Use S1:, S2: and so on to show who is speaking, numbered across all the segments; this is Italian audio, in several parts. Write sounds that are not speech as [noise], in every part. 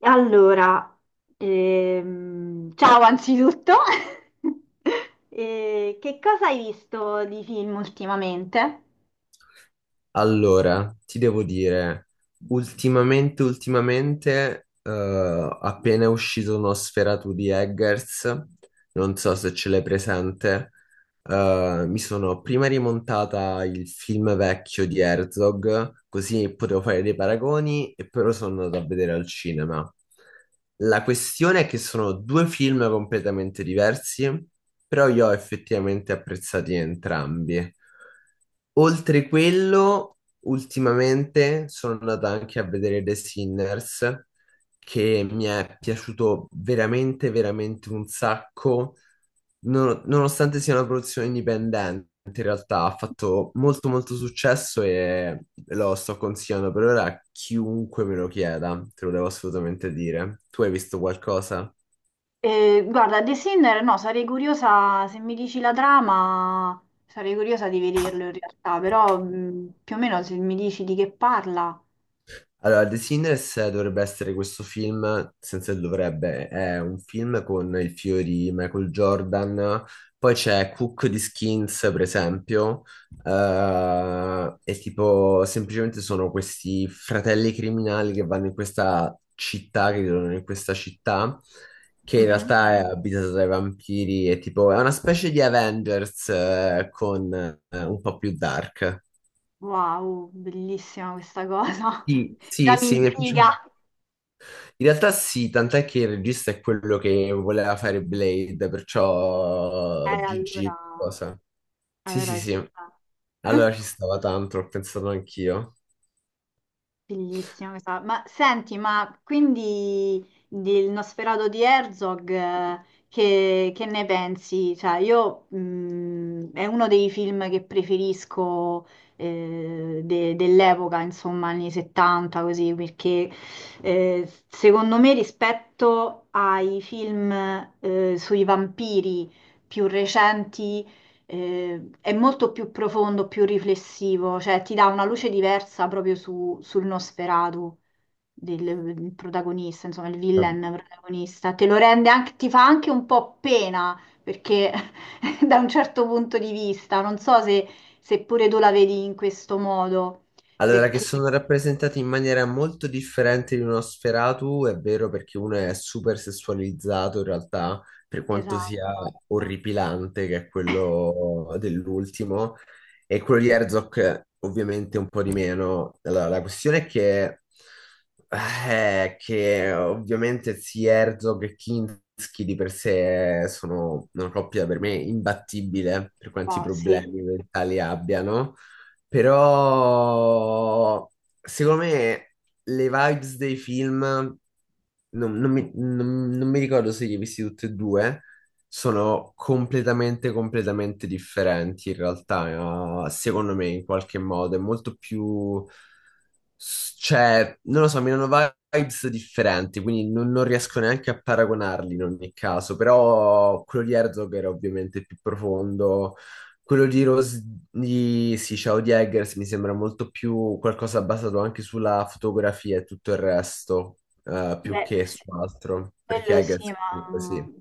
S1: Allora, ciao anzitutto. [laughs] Che cosa hai visto di film ultimamente?
S2: Allora, ti devo dire, ultimamente, appena è uscito uno Sferatu di Eggers, non so se ce l'hai presente. Mi sono prima rimontata il film vecchio di Herzog, così potevo fare dei paragoni, e però sono andato a vedere al cinema. La questione è che sono due film completamente diversi, però io ho effettivamente apprezzati entrambi. Oltre quello, ultimamente sono andata anche a vedere The Sinners, che mi è piaciuto veramente, veramente un sacco, nonostante sia una produzione indipendente. In realtà ha fatto molto molto successo e lo sto consigliando per ora a chiunque me lo chieda, te lo devo assolutamente dire. Tu hai visto qualcosa?
S1: Guarda, The Sinner, no, sarei curiosa, se mi dici la trama, sarei curiosa di vederlo in realtà, però più o meno se mi dici di che parla.
S2: Allora, The Sinners, dovrebbe essere questo film, senza il dovrebbe, è un film con il fiore di Michael Jordan, poi c'è Cook di Skins, per esempio. E tipo semplicemente sono questi fratelli criminali che vanno in questa città, che vivono in questa città, che in
S1: Mhm.
S2: realtà è abitata dai vampiri, e tipo è una specie di Avengers, con un po' più dark.
S1: Wow, bellissima questa cosa, [laughs]
S2: Sì, sì,
S1: già mi
S2: sì, mi è piaciuto.
S1: intriga.
S2: In realtà sì, tant'è che il regista è quello che voleva fare Blade, perciò
S1: Eh, allora,
S2: GG cosa. Sì, sì,
S1: Allora ci
S2: sì.
S1: sta.
S2: Allora
S1: [laughs]
S2: ci stava tanto, ho pensato anch'io.
S1: Fighissimo, ma senti, ma quindi del Nosferatu di Herzog, che ne pensi? Cioè, io è uno dei film che preferisco dell'epoca, insomma, anni 70, così, perché secondo me rispetto ai film sui vampiri più recenti è molto più profondo, più riflessivo, cioè ti dà una luce diversa proprio sul Nosferatu del protagonista, insomma, il villain
S2: Vabb-
S1: protagonista. Te lo rende anche, ti fa anche un po' pena perché [laughs] da un certo punto di vista, non so se pure tu la vedi in questo modo,
S2: Allora, che
S1: perché
S2: sono rappresentati in maniera molto differente di uno Sferatu, è vero, perché uno è super sessualizzato in realtà, per quanto sia
S1: esatto,
S2: orripilante, che è quello dell'ultimo, e quello di
S1: sì,
S2: Herzog ovviamente un po' di meno. Allora, la questione è che ovviamente sia Herzog e Kinski di per sé sono una coppia per me imbattibile, per quanti
S1: sì.
S2: problemi mentali abbiano. Però, secondo me, le vibes dei film, non mi ricordo se li hai visti tutti e due, sono completamente differenti in realtà, secondo me, in qualche modo. È molto più... cioè, non lo so, mi hanno vibes differenti, quindi non riesco neanche a paragonarli in ogni caso, però quello di Herzog era ovviamente più profondo. Quello di sì, Ciao di Eggers, mi sembra molto più qualcosa basato anche sulla fotografia e tutto il resto, più
S1: Beh,
S2: che
S1: sì,
S2: su altro, perché
S1: quello sì,
S2: Eggers comunque
S1: ma.
S2: sì.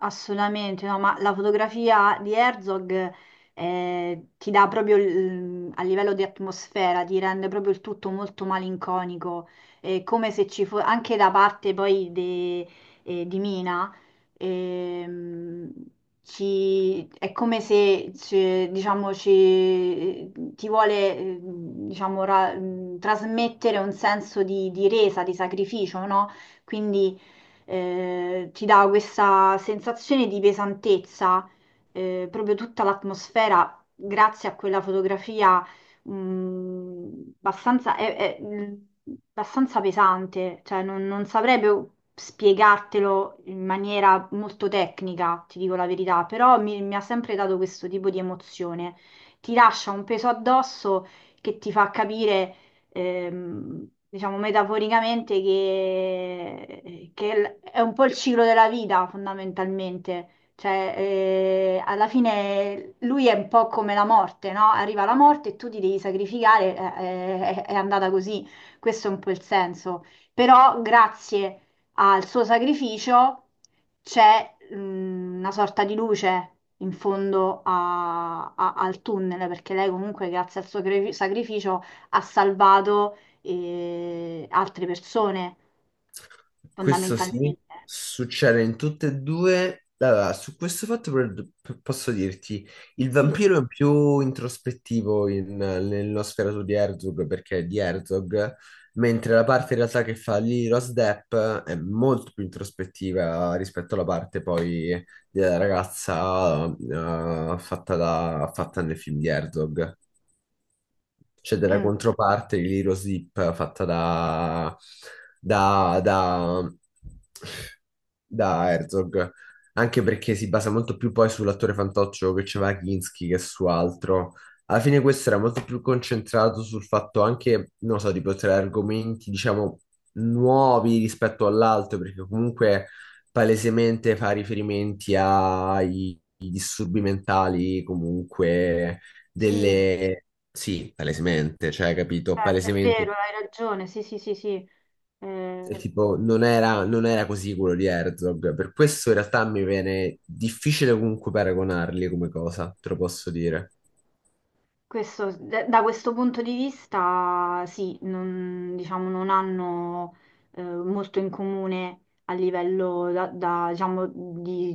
S1: Assolutamente, no, ma la fotografia di Herzog ti dà proprio a livello di atmosfera, ti rende proprio il tutto molto malinconico, come se ci fosse anche da parte poi di Mina, ehm, è come se diciamo, ti vuole diciamo, trasmettere un senso di resa, di sacrificio, no? Quindi ti dà questa sensazione di pesantezza, proprio tutta l'atmosfera, grazie a quella fotografia, abbastanza, è abbastanza pesante, cioè non saprei proprio spiegartelo in maniera molto tecnica, ti dico la verità, però mi ha sempre dato questo tipo di emozione. Ti lascia un peso addosso che ti fa capire diciamo metaforicamente, che è un po' il ciclo della vita fondamentalmente. Cioè, alla fine lui è un po' come la morte, no? Arriva la morte e tu ti devi sacrificare, è andata così. Questo è un po' il senso. Però grazie al suo sacrificio c'è una sorta di luce in fondo al tunnel, perché lei comunque grazie al suo sacrificio ha salvato altre persone,
S2: Questo sì,
S1: fondamentalmente.
S2: succede in tutte e due. Allora, su questo fatto posso dirti, il
S1: Sì.
S2: vampiro è più introspettivo nello sferato di Herzog, perché è di Herzog, mentre la parte in realtà che fa lì Rose Depp è molto più introspettiva rispetto alla parte poi della ragazza, fatta nel film di Herzog, c'è della
S1: Mm,
S2: controparte di Lilo Zip fatta da, da, da Herzog, anche perché si basa molto più poi sull'attore fantoccio che c'era Kinski che su altro. Alla fine, questo era molto più concentrato sul fatto anche, non so, di portare argomenti, diciamo, nuovi rispetto all'altro, perché comunque palesemente fa riferimenti ai disturbi mentali, comunque
S1: sì,
S2: delle, sì, palesemente, cioè, capito,
S1: certo, è
S2: palesemente,
S1: vero, hai ragione, sì, sì, sì, sì. Eh,
S2: sì. Tipo, non era così quello di Herzog, per questo in realtà mi viene difficile comunque paragonarli come cosa, te lo posso dire.
S1: da questo punto di vista, sì, non, diciamo, non hanno molto in comune a livello da, diciamo, di,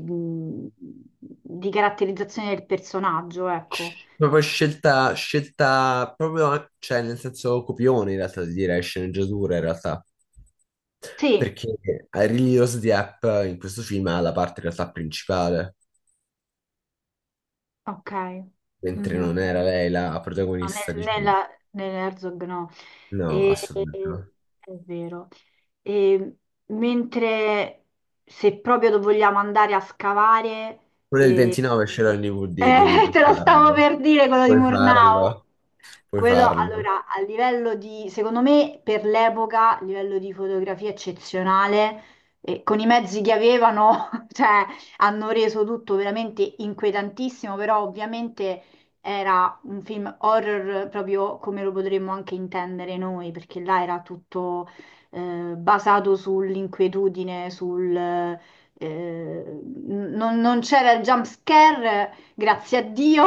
S1: di caratterizzazione del personaggio, ecco.
S2: Cioè, proprio cioè, nel senso copione in realtà, di dire, sceneggiatura in realtà,
S1: Sì,
S2: perché a Really Rose Diep in questo film ha la parte in realtà principale,
S1: ok.
S2: mentre
S1: Mhm.
S2: non era lei la
S1: No,
S2: protagonista, diciamo.
S1: nell'Herzog no.
S2: No,
S1: E-
S2: assolutamente no.
S1: è vero. E mentre se proprio vogliamo andare a scavare,
S2: Quello del
S1: eh,
S2: 29 ce l'ho in
S1: [laughs]
S2: DVD, quindi puoi
S1: te lo stavo
S2: farlo.
S1: per dire quello di
S2: Puoi
S1: Murnau.
S2: farlo, puoi
S1: Quello,
S2: farlo.
S1: allora, a livello di, secondo me, per l'epoca, a livello di fotografia eccezionale, e con i mezzi che avevano, [laughs] cioè, hanno reso tutto veramente inquietantissimo, però ovviamente era un film horror proprio come lo potremmo anche intendere noi, perché là era tutto basato sull'inquietudine, sul... n- non, non c'era il jump scare, grazie a Dio,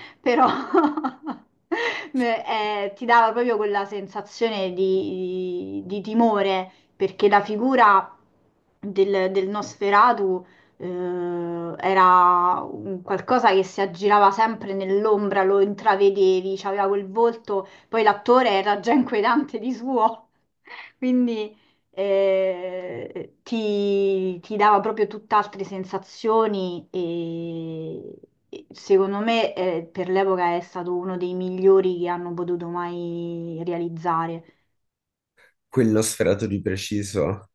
S1: [laughs] però [laughs] ti dava proprio quella sensazione di timore, perché la figura del Nosferatu era un qualcosa che si aggirava sempre nell'ombra, lo intravedevi, c'aveva quel volto, poi l'attore era già inquietante di suo, [laughs] quindi ti dava proprio tutt'altre sensazioni e secondo me per l'epoca è stato uno dei migliori che hanno potuto mai realizzare.
S2: Quello sferato di preciso.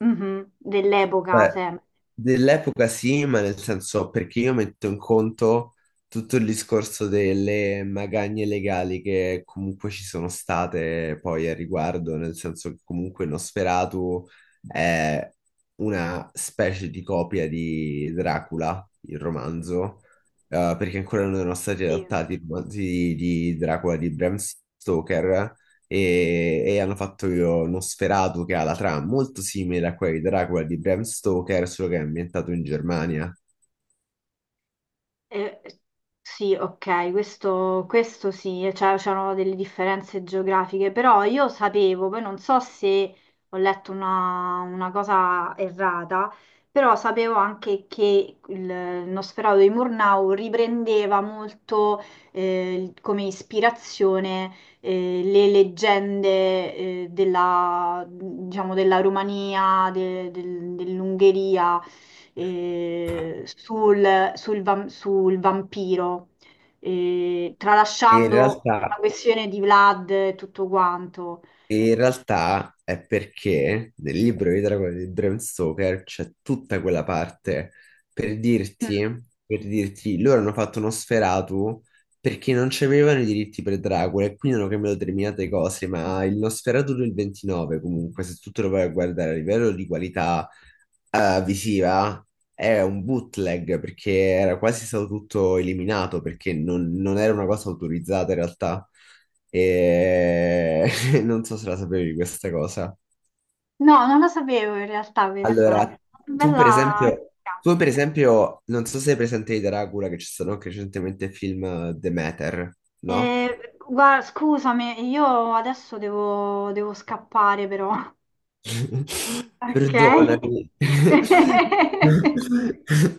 S1: Mhm. Dell'epoca
S2: Beh,
S1: sempre.
S2: dell'epoca sì, ma nel senso perché io metto in conto tutto il discorso delle magagne legali che comunque ci sono state poi a riguardo, nel senso che comunque Nosferatu è una specie di copia di Dracula, il romanzo, perché ancora non erano stati
S1: Sì.
S2: adattati i romanzi di Dracula di Bram Stoker, e hanno fatto Nosferatu, che ha la trama molto simile a quella di Dracula di Bram Stoker, solo che è ambientato in Germania.
S1: Eh, sì, ok, questo sì, e cioè c'erano delle differenze geografiche, però io sapevo, poi non so se ho letto una cosa errata, però sapevo anche che il Nosferatu di Murnau riprendeva molto come ispirazione le leggende della, diciamo, della Romania, dell'Ungheria sul vampiro,
S2: E in
S1: tralasciando
S2: realtà
S1: la questione di Vlad e tutto quanto.
S2: In realtà è perché nel libro di Dracula di Bram Stoker c'è tutta quella parte, per
S1: Mm.
S2: dirti, per dirti, loro hanno fatto uno Nosferatu perché non c'avevano i diritti per Dracula e quindi hanno cambiato determinate cose, ma il Nosferatu del 29 comunque, se tu te lo vai a guardare a livello di qualità visiva, è un bootleg, perché era quasi stato tutto eliminato, perché non era una cosa autorizzata in realtà. E... [laughs] [laughs] Non so se la sapevi questa cosa.
S1: No, non la sapevo in realtà
S2: Dai.
S1: questa.
S2: Allora, tu per
S1: Bella.
S2: esempio, tu per esempio, non so se hai presente di Dracula, che ci sono anche recentemente il film Demeter, no?
S1: Guarda, scusami, io adesso devo scappare però.
S2: [laughs]
S1: Ok.
S2: Perdonami.
S1: [laughs]
S2: [laughs]